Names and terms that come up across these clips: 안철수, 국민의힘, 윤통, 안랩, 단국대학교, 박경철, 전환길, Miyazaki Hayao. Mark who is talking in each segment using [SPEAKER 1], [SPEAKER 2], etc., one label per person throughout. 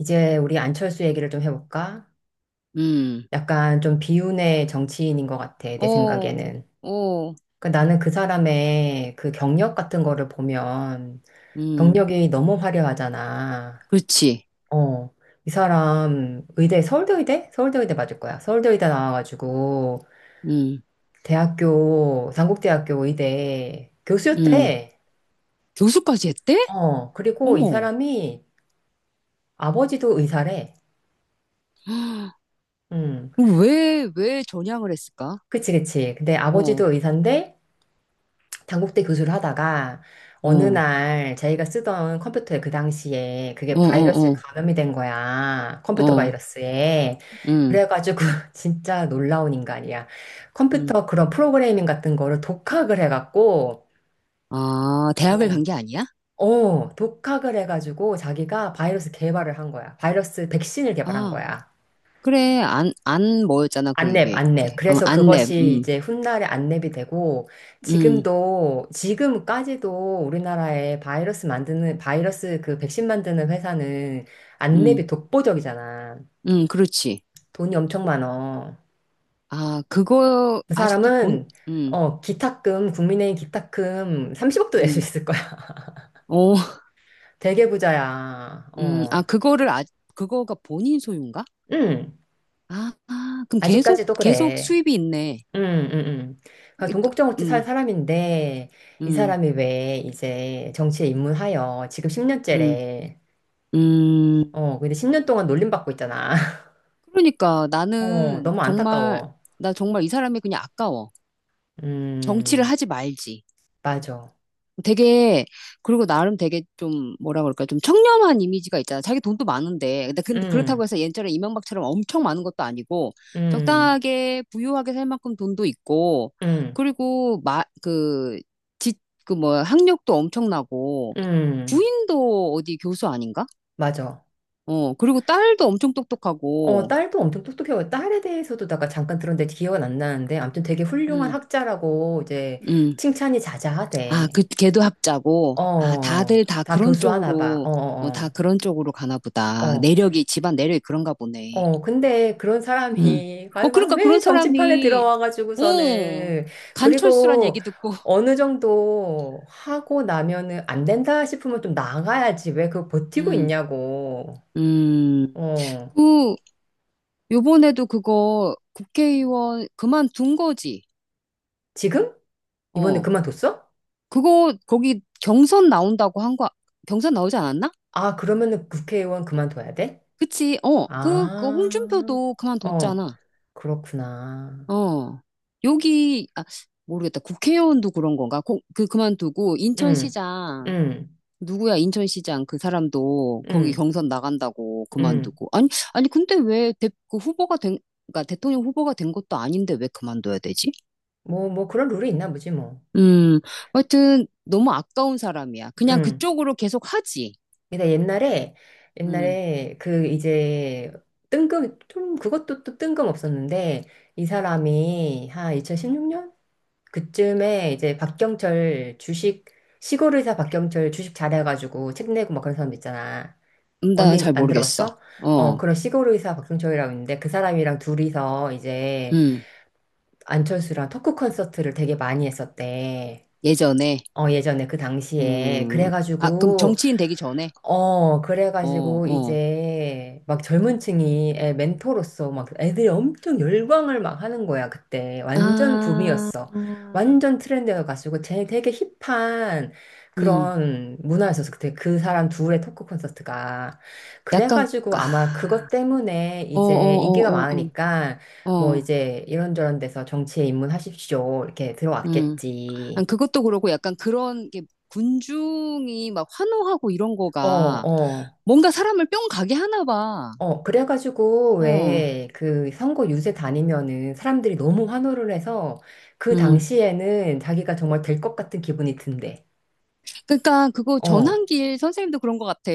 [SPEAKER 1] 이제 우리 안철수 얘기를 좀 해볼까?
[SPEAKER 2] 음,
[SPEAKER 1] 약간 좀 비운의 정치인인 것 같아, 내
[SPEAKER 2] 오,
[SPEAKER 1] 생각에는.
[SPEAKER 2] 오,
[SPEAKER 1] 나는 그 사람의 그 경력 같은 거를 보면
[SPEAKER 2] 음,
[SPEAKER 1] 경력이 너무 화려하잖아.
[SPEAKER 2] 그렇지.
[SPEAKER 1] 어, 이 사람 의대, 서울대 의대? 서울대 의대 맞을 거야. 서울대 의대 나와가지고
[SPEAKER 2] 음,
[SPEAKER 1] 대학교, 단국대학교 의대
[SPEAKER 2] 음.
[SPEAKER 1] 교수였대.
[SPEAKER 2] 교수까지 했대?
[SPEAKER 1] 그리고 이
[SPEAKER 2] 어머.
[SPEAKER 1] 사람이 아버지도 의사래. 음,
[SPEAKER 2] 그럼 왜 전향을 했을까?
[SPEAKER 1] 그치, 그치. 근데
[SPEAKER 2] 어,
[SPEAKER 1] 아버지도 의사인데 단국대 교수를 하다가
[SPEAKER 2] 어,
[SPEAKER 1] 어느
[SPEAKER 2] 어,
[SPEAKER 1] 날 자기가 쓰던 컴퓨터에 그 당시에 그게
[SPEAKER 2] 어,
[SPEAKER 1] 바이러스에
[SPEAKER 2] 어,
[SPEAKER 1] 감염이 된 거야. 컴퓨터
[SPEAKER 2] 어,
[SPEAKER 1] 바이러스에.
[SPEAKER 2] 음,
[SPEAKER 1] 그래가지고 진짜 놀라운 인간이야.
[SPEAKER 2] 음.
[SPEAKER 1] 컴퓨터 그런 프로그래밍 같은 거를 독학을 해갖고,
[SPEAKER 2] 아, 대학을
[SPEAKER 1] 어,
[SPEAKER 2] 간 게 아니야?
[SPEAKER 1] 독학을 해가지고 자기가 바이러스 개발을 한 거야. 바이러스 백신을 개발한
[SPEAKER 2] 아,
[SPEAKER 1] 거야.
[SPEAKER 2] 그래. 안 뭐였잖아, 그
[SPEAKER 1] 안랩,
[SPEAKER 2] 이게. 그,
[SPEAKER 1] 안랩.
[SPEAKER 2] 어,
[SPEAKER 1] 그래서
[SPEAKER 2] 안랩,
[SPEAKER 1] 그것이 이제 훗날에 안랩이 되고,
[SPEAKER 2] 음,
[SPEAKER 1] 지금도, 지금까지도 우리나라에 바이러스 만드는, 바이러스 그 백신 만드는 회사는
[SPEAKER 2] 음,
[SPEAKER 1] 안랩이 독보적이잖아.
[SPEAKER 2] 그렇지.
[SPEAKER 1] 돈이 엄청 많어.
[SPEAKER 2] 아, 그거,
[SPEAKER 1] 그
[SPEAKER 2] 아직도 본,
[SPEAKER 1] 사람은,
[SPEAKER 2] 음,
[SPEAKER 1] 기탁금, 국민의힘 기탁금 30억도 낼 수
[SPEAKER 2] 음,
[SPEAKER 1] 있을 거야.
[SPEAKER 2] 오,
[SPEAKER 1] 되게 부자야. 어.
[SPEAKER 2] 아, 그거를, 아, 그거가 본인 소유인가?
[SPEAKER 1] 응,
[SPEAKER 2] 아, 아, 그럼 계속,
[SPEAKER 1] 아직까지도
[SPEAKER 2] 계속
[SPEAKER 1] 그래.
[SPEAKER 2] 수입이 있네.
[SPEAKER 1] 음, 음, 음. 그러니까
[SPEAKER 2] 이 또-
[SPEAKER 1] 동국정우치 살
[SPEAKER 2] 음,
[SPEAKER 1] 사람인데 이
[SPEAKER 2] 음,
[SPEAKER 1] 사람이 왜 이제 정치에 입문하여 지금
[SPEAKER 2] 음,
[SPEAKER 1] 10년째래.
[SPEAKER 2] 음.
[SPEAKER 1] 근데 10년 동안 놀림받고 있잖아.
[SPEAKER 2] 그러니까 나는
[SPEAKER 1] 너무
[SPEAKER 2] 정말,
[SPEAKER 1] 안타까워.
[SPEAKER 2] 나 정말 이 사람이 그냥 아까워. 정치를
[SPEAKER 1] 음,
[SPEAKER 2] 하지 말지.
[SPEAKER 1] 맞아.
[SPEAKER 2] 되게 그리고 나름 되게 좀 뭐라 그럴까 좀 청렴한 이미지가 있잖아. 자기 돈도 많은데 근데 그렇다고
[SPEAKER 1] 음,
[SPEAKER 2] 해서 옛날에 이명박처럼 엄청 많은 것도 아니고
[SPEAKER 1] 음,
[SPEAKER 2] 적당하게 부유하게 살 만큼 돈도 있고
[SPEAKER 1] 음,
[SPEAKER 2] 그리고 마그지그뭐 학력도 엄청나고
[SPEAKER 1] 음,
[SPEAKER 2] 부인도 어디 교수 아닌가?
[SPEAKER 1] 맞아.
[SPEAKER 2] 어 그리고 딸도 엄청 똑똑하고
[SPEAKER 1] 딸도 엄청 똑똑해요. 딸에 대해서도 내가 잠깐 들었는데 기억은 안 나는데 아무튼 되게 훌륭한
[SPEAKER 2] 음
[SPEAKER 1] 학자라고 이제
[SPEAKER 2] 음.
[SPEAKER 1] 칭찬이
[SPEAKER 2] 아, 그,
[SPEAKER 1] 자자하대.
[SPEAKER 2] 걔도 합자고. 아, 다들 다
[SPEAKER 1] 다
[SPEAKER 2] 그런
[SPEAKER 1] 교수하나 봐.
[SPEAKER 2] 쪽으로, 어, 다 그런 쪽으로 가나
[SPEAKER 1] 어.
[SPEAKER 2] 보다.
[SPEAKER 1] 어.
[SPEAKER 2] 내력이, 집안 내력이 그런가 보네.
[SPEAKER 1] 근데 그런
[SPEAKER 2] 음.
[SPEAKER 1] 사람이 아,
[SPEAKER 2] 어,
[SPEAKER 1] 막
[SPEAKER 2] 그러니까
[SPEAKER 1] 왜
[SPEAKER 2] 그런
[SPEAKER 1] 정치판에
[SPEAKER 2] 사람이, 어,
[SPEAKER 1] 들어와가지고서는
[SPEAKER 2] 간철수란
[SPEAKER 1] 그리고
[SPEAKER 2] 얘기 듣고,
[SPEAKER 1] 어느 정도 하고 나면은 안 된다 싶으면 좀 나가야지 왜 그거 버티고
[SPEAKER 2] 음,
[SPEAKER 1] 있냐고.
[SPEAKER 2] 음.
[SPEAKER 1] 어,
[SPEAKER 2] 그, 요번에도 그거 국회의원 그만둔 거지.
[SPEAKER 1] 지금? 이번에
[SPEAKER 2] 어,
[SPEAKER 1] 그만뒀어?
[SPEAKER 2] 그거, 거기 경선 나온다고 한 거, 경선 나오지 않았나?
[SPEAKER 1] 아, 그러면은 국회의원 그만둬야 돼?
[SPEAKER 2] 그치, 어, 그, 그
[SPEAKER 1] 아,
[SPEAKER 2] 홍준표도
[SPEAKER 1] 어,
[SPEAKER 2] 그만뒀잖아.
[SPEAKER 1] 그렇구나.
[SPEAKER 2] 어. 여기, 아, 모르겠다. 국회의원도 그런 건가? 고- 그, 그만두고,
[SPEAKER 1] 응,
[SPEAKER 2] 인천시장,
[SPEAKER 1] 응,
[SPEAKER 2] 누구야, 인천시장, 그 사람도 거기
[SPEAKER 1] 응,
[SPEAKER 2] 경선 나간다고
[SPEAKER 1] 응.
[SPEAKER 2] 그만두고. 아니, 아니, 근데 왜 대, 그 후보가 된, 그러니까 대통령 후보가 된 것도 아닌데 왜 그만둬야 되지?
[SPEAKER 1] 뭐, 뭐 그런 룰이 있나 보지 뭐.
[SPEAKER 2] 음, 하여튼, 너무 아까운 사람이야. 그냥
[SPEAKER 1] 응.
[SPEAKER 2] 그쪽으로 계속 하지.
[SPEAKER 1] 내가 옛날에
[SPEAKER 2] 음,
[SPEAKER 1] 옛날에 그 이제 뜬금 좀 그것도 또 뜬금없었는데 이 사람이 한 2016년 그쯤에 이제 박경철 주식 시골 의사 박경철 주식 잘해가지고 책 내고 막 그런 사람 있잖아. 언니
[SPEAKER 2] 나잘
[SPEAKER 1] 안
[SPEAKER 2] 모르겠어.
[SPEAKER 1] 들어봤어? 어
[SPEAKER 2] 어,
[SPEAKER 1] 그런 시골 의사 박경철이라고 있는데 그 사람이랑 둘이서 이제
[SPEAKER 2] 음,
[SPEAKER 1] 안철수랑 토크 콘서트를 되게 많이 했었대.
[SPEAKER 2] 예전에,
[SPEAKER 1] 어 예전에 그 당시에
[SPEAKER 2] 음, 아, 그럼
[SPEAKER 1] 그래가지고
[SPEAKER 2] 정치인 되기 전에? 어,
[SPEAKER 1] 그래가지고
[SPEAKER 2] 어.
[SPEAKER 1] 이제 막 젊은 층이 애 멘토로서 막 애들이 엄청 열광을 막 하는 거야, 그때. 완전
[SPEAKER 2] 아,
[SPEAKER 1] 붐이었어. 완전 트렌드여가지고 쟤 되게 힙한
[SPEAKER 2] 음,
[SPEAKER 1] 그런 문화였었어. 그때 그 사람 둘의 토크 콘서트가.
[SPEAKER 2] 약간,
[SPEAKER 1] 그래가지고 아마 그것
[SPEAKER 2] 아,
[SPEAKER 1] 때문에
[SPEAKER 2] 어, 어,
[SPEAKER 1] 이제 인기가
[SPEAKER 2] 어, 어,
[SPEAKER 1] 많으니까
[SPEAKER 2] 어,
[SPEAKER 1] 뭐
[SPEAKER 2] 어,
[SPEAKER 1] 이제 이런저런 데서 정치에 입문하십시오. 이렇게
[SPEAKER 2] 음. 아니,
[SPEAKER 1] 들어왔겠지.
[SPEAKER 2] 그것도 그러고 약간 그런 게 군중이 막 환호하고 이런
[SPEAKER 1] 어,
[SPEAKER 2] 거가
[SPEAKER 1] 어.
[SPEAKER 2] 뭔가 사람을 뿅 가게 하나 봐.
[SPEAKER 1] 어, 그래가지고,
[SPEAKER 2] 어,
[SPEAKER 1] 왜, 그, 선거 유세 다니면은 사람들이 너무 환호를 해서 그
[SPEAKER 2] 음.
[SPEAKER 1] 당시에는 자기가 정말 될 것 같은 기분이 든대.
[SPEAKER 2] 그러니까 그거
[SPEAKER 1] 어,
[SPEAKER 2] 전환길 선생님도 그런 것 같아.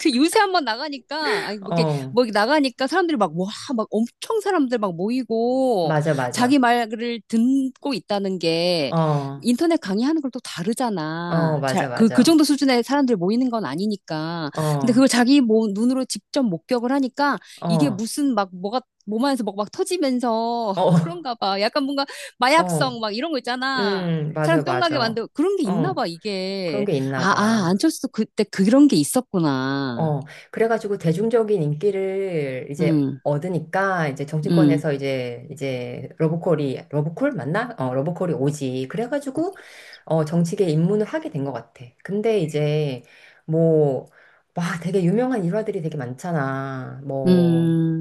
[SPEAKER 2] 그 요새 한번 나가니까 아니 뭐 이게
[SPEAKER 1] 어,
[SPEAKER 2] 뭐 이렇게 나가니까 사람들이 막 와 막 엄청 사람들 막 모이고
[SPEAKER 1] 맞아,
[SPEAKER 2] 자기
[SPEAKER 1] 맞아.
[SPEAKER 2] 말을 듣고 있다는 게
[SPEAKER 1] 어,
[SPEAKER 2] 인터넷 강의하는 걸 또 다르잖아. 잘
[SPEAKER 1] 맞아,
[SPEAKER 2] 그, 그
[SPEAKER 1] 맞아.
[SPEAKER 2] 정도 수준의 사람들 모이는 건 아니니까. 근데
[SPEAKER 1] 어,
[SPEAKER 2] 그걸 자기 뭐 눈으로 직접 목격을 하니까 이게
[SPEAKER 1] 어,
[SPEAKER 2] 무슨 막 뭐가 몸 안에서 막 터지면서
[SPEAKER 1] 어,
[SPEAKER 2] 그런가 봐. 약간 뭔가 마약성
[SPEAKER 1] 어,
[SPEAKER 2] 막 이런 거 있잖아. 사람
[SPEAKER 1] 맞아,
[SPEAKER 2] 뿅 가게
[SPEAKER 1] 맞아.
[SPEAKER 2] 만들고 그런 게 있나 봐,
[SPEAKER 1] 어, 그런
[SPEAKER 2] 이게.
[SPEAKER 1] 게 있나
[SPEAKER 2] 아, 아,
[SPEAKER 1] 봐.
[SPEAKER 2] 안철수도 그때 그런 게 있었구나.
[SPEAKER 1] 어, 그래가지고 대중적인 인기를 이제
[SPEAKER 2] 응,
[SPEAKER 1] 얻으니까 이제
[SPEAKER 2] 응,
[SPEAKER 1] 정치권에서 이제 러브콜이 러브콜 맞나? 어, 러브콜이 오지. 그래가지고 정치계에 입문을 하게 된 것 같아. 근데 이제 뭐 와, 되게 유명한 일화들이 되게 많잖아. 뭐
[SPEAKER 2] 음,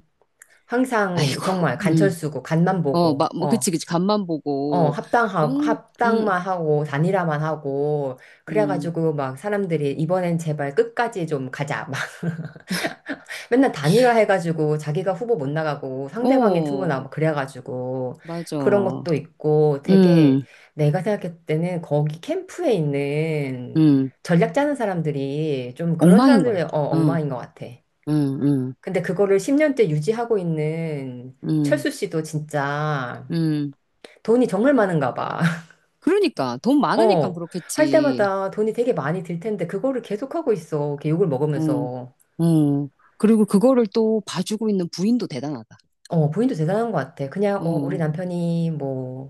[SPEAKER 1] 항상
[SPEAKER 2] 아이고,
[SPEAKER 1] 정말 간철
[SPEAKER 2] 응.
[SPEAKER 1] 쓰고 간만
[SPEAKER 2] 어,
[SPEAKER 1] 보고
[SPEAKER 2] 막, 뭐,
[SPEAKER 1] 어.
[SPEAKER 2] 그치, 그치, 간만
[SPEAKER 1] 어,
[SPEAKER 2] 보고,
[SPEAKER 1] 합당하고,
[SPEAKER 2] 멍, 응,
[SPEAKER 1] 합당만 하고, 단일화만 하고,
[SPEAKER 2] 응.
[SPEAKER 1] 그래가지고 막 사람들이 이번엔 제발 끝까지 좀 가자. 맨날 단일화 해가지고 자기가 후보 못 나가고 상대방이 후보
[SPEAKER 2] 어,
[SPEAKER 1] 나오고 그래가지고
[SPEAKER 2] 맞아.
[SPEAKER 1] 그런 것도 있고 되게
[SPEAKER 2] 응,
[SPEAKER 1] 내가 생각할 때는 거기 캠프에 있는
[SPEAKER 2] 응.
[SPEAKER 1] 전략 짜는 사람들이 좀 그런
[SPEAKER 2] 엉망인 거야.
[SPEAKER 1] 사람들의
[SPEAKER 2] 응,
[SPEAKER 1] 엉망인 것 같아.
[SPEAKER 2] 응, 응,
[SPEAKER 1] 근데 그거를 10년째 유지하고 있는
[SPEAKER 2] 응,
[SPEAKER 1] 철수 씨도 진짜
[SPEAKER 2] 응.
[SPEAKER 1] 돈이 정말 많은가 봐.
[SPEAKER 2] 그러니까, 돈 많으니까
[SPEAKER 1] 어, 할
[SPEAKER 2] 그렇겠지.
[SPEAKER 1] 때마다 돈이 되게 많이 들 텐데 그거를 계속하고 있어. 이렇게 욕을
[SPEAKER 2] 응,
[SPEAKER 1] 먹으면서.
[SPEAKER 2] 응. 그리고 그거를 또 봐주고 있는 부인도 대단하다.
[SPEAKER 1] 본인도 대단한 것 같아. 그냥, 우리
[SPEAKER 2] 어,
[SPEAKER 1] 남편이 뭐,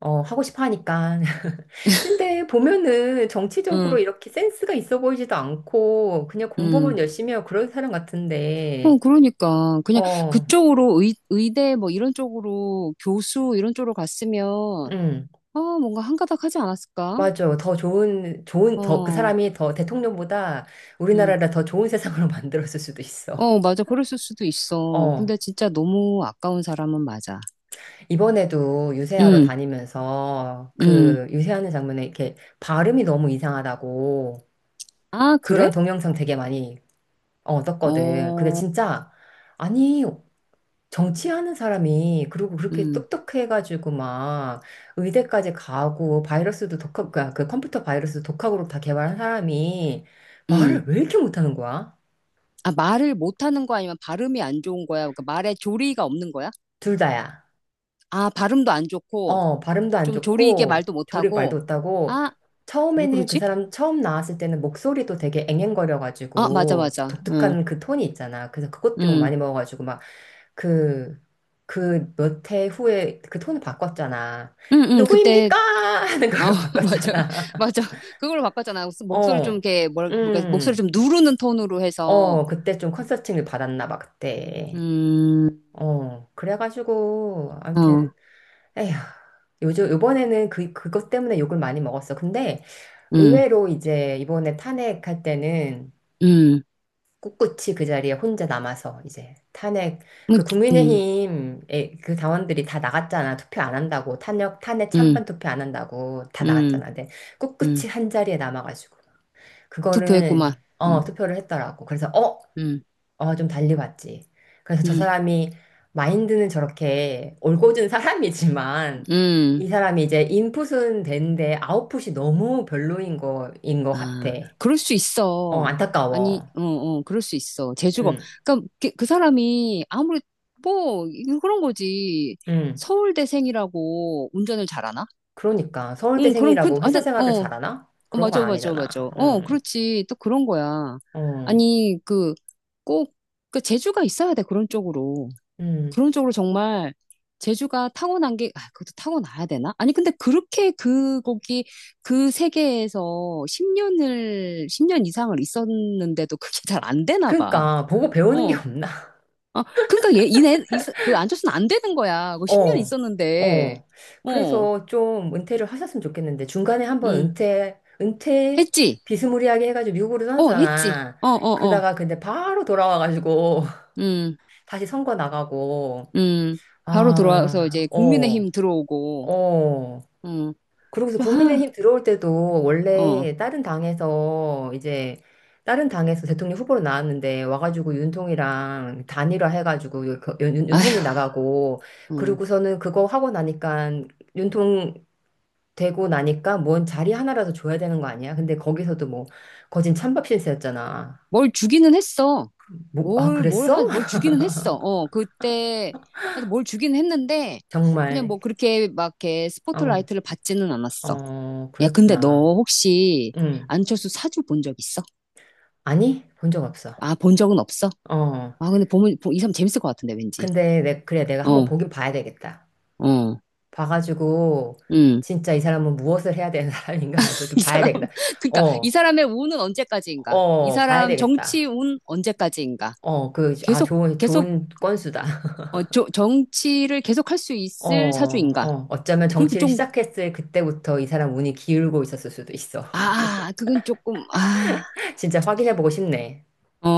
[SPEAKER 1] 하고 싶어 하니까. 근데 보면은 정치적으로
[SPEAKER 2] 응,
[SPEAKER 1] 이렇게 센스가 있어 보이지도 않고, 그냥
[SPEAKER 2] 응.
[SPEAKER 1] 공부만 열심히 하고 그런 사람 같은데,
[SPEAKER 2] 어, 그러니까. 그냥
[SPEAKER 1] 어,
[SPEAKER 2] 그쪽으로 의, 의대 뭐 이런 쪽으로 교수 이런 쪽으로 갔으면,
[SPEAKER 1] 음,
[SPEAKER 2] 아, 뭔가 한가닥 하지 않았을까?
[SPEAKER 1] 맞아. 더 좋은, 좋은, 더, 그
[SPEAKER 2] 어,
[SPEAKER 1] 사람이 더 대통령보다
[SPEAKER 2] 응
[SPEAKER 1] 우리나라를 더 좋은 세상으로 만들었을 수도 있어.
[SPEAKER 2] 어, 맞아. 그랬을 수도 있어.
[SPEAKER 1] 어,
[SPEAKER 2] 근데 진짜 너무 아까운 사람은 맞아.
[SPEAKER 1] 이번에도 유세하러
[SPEAKER 2] 응
[SPEAKER 1] 다니면서
[SPEAKER 2] 응
[SPEAKER 1] 그 유세하는 장면에 이렇게 발음이 너무 이상하다고
[SPEAKER 2] 아, 그래?
[SPEAKER 1] 그런 동영상 되게 많이, 떴거든. 근데
[SPEAKER 2] 어,
[SPEAKER 1] 진짜, 아니, 정치하는 사람이 그리고
[SPEAKER 2] 응
[SPEAKER 1] 그렇게 똑똑해가지고 막 의대까지 가고 바이러스도 독학 그그 컴퓨터 바이러스도 독학으로 다 개발한 사람이
[SPEAKER 2] 응
[SPEAKER 1] 말을 왜 이렇게 못하는 거야?
[SPEAKER 2] 아, 말을 못하는 거 아니면 발음이 안 좋은 거야? 그러니까 말에 조리가 없는 거야?
[SPEAKER 1] 둘 다야.
[SPEAKER 2] 아, 발음도 안 좋고,
[SPEAKER 1] 어 발음도 안
[SPEAKER 2] 좀 조리 있게
[SPEAKER 1] 좋고
[SPEAKER 2] 말도
[SPEAKER 1] 조리
[SPEAKER 2] 못하고,
[SPEAKER 1] 말도 못하고
[SPEAKER 2] 아, 왜
[SPEAKER 1] 처음에는 그
[SPEAKER 2] 그러지?
[SPEAKER 1] 사람 처음 나왔을 때는 목소리도 되게
[SPEAKER 2] 아, 맞아,
[SPEAKER 1] 앵앵거려가지고
[SPEAKER 2] 맞아. 응,
[SPEAKER 1] 독특한 그 톤이 있잖아. 그래서 그것 좀
[SPEAKER 2] 응.
[SPEAKER 1] 많이 먹어가지고 그, 그 몇 해 후에 그 톤을 바꿨잖아.
[SPEAKER 2] 응응 그때
[SPEAKER 1] 누구입니까? 하는
[SPEAKER 2] 어
[SPEAKER 1] 걸로
[SPEAKER 2] 맞아
[SPEAKER 1] 바꿨잖아.
[SPEAKER 2] 맞아 그걸로 바꿨잖아 목소리 좀
[SPEAKER 1] 어,
[SPEAKER 2] 이렇게 뭘 뭐가 목소리
[SPEAKER 1] 음,
[SPEAKER 2] 좀 누르는 톤으로 해서
[SPEAKER 1] 그때 좀 컨설팅을 받았나 봐, 그때. 그래가지고, 아무튼, 에휴, 요즘, 요번에는 그, 그것 때문에 욕을 많이 먹었어. 근데 의외로 이제 이번에 탄핵할 때는
[SPEAKER 2] 음어음음음음음음음
[SPEAKER 1] 꿋꿋이 그 자리에 혼자 남아서 이제 탄핵 그 국민의힘 의 그 당원들이 다 나갔잖아. 투표 안 한다고 탄핵 탄핵 찬반 투표 안 한다고 다 나갔잖아. 근데 꿋꿋이 한 자리에 남아가지고 그거는
[SPEAKER 2] 투표했구만
[SPEAKER 1] 어 투표를 했더라고. 그래서 어어 좀 달리 봤지. 그래서 저
[SPEAKER 2] 음음음음아
[SPEAKER 1] 사람이 마인드는 저렇게 올곧은 사람이지만 이 사람이 이제 인풋은 되는데 아웃풋이 너무 별로인 거인 거 같아.
[SPEAKER 2] 그럴 수 있어 아니
[SPEAKER 1] 안타까워.
[SPEAKER 2] 어어 그럴 수 있어
[SPEAKER 1] 응
[SPEAKER 2] 재주가 그러니까 그 사람이 아무리 뭐 이거 그런 거지
[SPEAKER 1] 응.
[SPEAKER 2] 서울대생이라고 운전을 잘하나?
[SPEAKER 1] 그러니까
[SPEAKER 2] 응, 그럼 그
[SPEAKER 1] 서울대생이라고 회사
[SPEAKER 2] 완전
[SPEAKER 1] 생활을 잘하나?
[SPEAKER 2] 어,
[SPEAKER 1] 그런 건
[SPEAKER 2] 맞아, 맞아,
[SPEAKER 1] 아니잖아.
[SPEAKER 2] 맞아. 어,
[SPEAKER 1] 응,
[SPEAKER 2] 그렇지. 또 그런 거야.
[SPEAKER 1] 어,
[SPEAKER 2] 아니, 그, 꼭, 그, 재주가 있어야 돼, 그런 쪽으로.
[SPEAKER 1] 음.
[SPEAKER 2] 그런 쪽으로 정말, 재주가 타고난 게, 아, 그것도 타고나야 되나? 아니, 근데 그렇게 그 거기 그 세계에서 10년을, 10년 이상을 있었는데도 그게 잘 안 되나 봐.
[SPEAKER 1] 그러니까 보고 배우는 게
[SPEAKER 2] 어.
[SPEAKER 1] 없나?
[SPEAKER 2] 아, 그러니까 얘, 이네, 이, 사- 그, 앉았으면 안 되는 거야. 그 10년
[SPEAKER 1] 어,
[SPEAKER 2] 있었는데.
[SPEAKER 1] 어.
[SPEAKER 2] 어,
[SPEAKER 1] 그래서 좀 은퇴를 하셨으면 좋겠는데 중간에 한번
[SPEAKER 2] 음
[SPEAKER 1] 은퇴, 은퇴
[SPEAKER 2] 했지?
[SPEAKER 1] 비스무리하게 해가지고 미국으로
[SPEAKER 2] 어, 했지?
[SPEAKER 1] 떠났잖아.
[SPEAKER 2] 어, 어, 어.
[SPEAKER 1] 그러다가 근데 바로 돌아와가지고
[SPEAKER 2] 음
[SPEAKER 1] 다시 선거 나가고
[SPEAKER 2] 음, 바로 들어와서
[SPEAKER 1] 아,
[SPEAKER 2] 이제 국민의힘 들어오고,
[SPEAKER 1] 어.
[SPEAKER 2] 음,
[SPEAKER 1] 그러고서
[SPEAKER 2] 좀 하,
[SPEAKER 1] 국민의힘 들어올 때도
[SPEAKER 2] 어,
[SPEAKER 1] 원래 다른 당에서 이제 다른 당에서 대통령 후보로 나왔는데 와가지고 윤통이랑 단일화 해가지고 그
[SPEAKER 2] 아,
[SPEAKER 1] 윤통이 나가고
[SPEAKER 2] 음,
[SPEAKER 1] 그러고서는 그거 하고 나니까 윤통 되고 나니까 뭔 자리 하나라도 줘야 되는 거 아니야? 근데 거기서도 뭐 거진 찬밥 신세였잖아.
[SPEAKER 2] 뭘 주기는 했어.
[SPEAKER 1] 뭐, 아,
[SPEAKER 2] 뭘, 뭘
[SPEAKER 1] 그랬어?
[SPEAKER 2] 하, 뭘 주기는 했어. 어, 그때, 하여튼 뭘 주기는 했는데, 그냥
[SPEAKER 1] 정말.
[SPEAKER 2] 뭐 그렇게 막 이렇게
[SPEAKER 1] 어,
[SPEAKER 2] 스포트라이트를 받지는 않았어. 야, 근데 너
[SPEAKER 1] 그랬구나.
[SPEAKER 2] 혹시
[SPEAKER 1] 응.
[SPEAKER 2] 안철수 사주 본 적 있어?
[SPEAKER 1] 아니? 본 적 없어.
[SPEAKER 2] 아, 본 적은 없어?
[SPEAKER 1] 어.
[SPEAKER 2] 아, 근데 보면, 보- 이 사람 재밌을 것 같은데, 왠지.
[SPEAKER 1] 근데 내, 그래, 내가 한번
[SPEAKER 2] 어,
[SPEAKER 1] 보긴 봐야 되겠다.
[SPEAKER 2] 어,
[SPEAKER 1] 봐가지고
[SPEAKER 2] 응.
[SPEAKER 1] 진짜 이 사람은 무엇을 해야 되는 사람인가 좀
[SPEAKER 2] 이
[SPEAKER 1] 봐야
[SPEAKER 2] 사람,
[SPEAKER 1] 되겠다.
[SPEAKER 2] 그러니까 이
[SPEAKER 1] 어,
[SPEAKER 2] 사람의 운은 언제까지인가? 이
[SPEAKER 1] 봐야
[SPEAKER 2] 사람 정치
[SPEAKER 1] 되겠다.
[SPEAKER 2] 운 언제까지인가?
[SPEAKER 1] 아,
[SPEAKER 2] 계속,
[SPEAKER 1] 좋은,
[SPEAKER 2] 계속,
[SPEAKER 1] 좋은 건수다.
[SPEAKER 2] 어, 저- 정치를 계속 할 수 있을 사주인가?
[SPEAKER 1] 어쩌면
[SPEAKER 2] 어, 그리고
[SPEAKER 1] 정치를
[SPEAKER 2] 좀,
[SPEAKER 1] 시작했을 그때부터 이 사람 운이 기울고 있었을 수도 있어.
[SPEAKER 2] 아, 그건 조금, 아,
[SPEAKER 1] 진짜 확인해보고 싶네.
[SPEAKER 2] 어,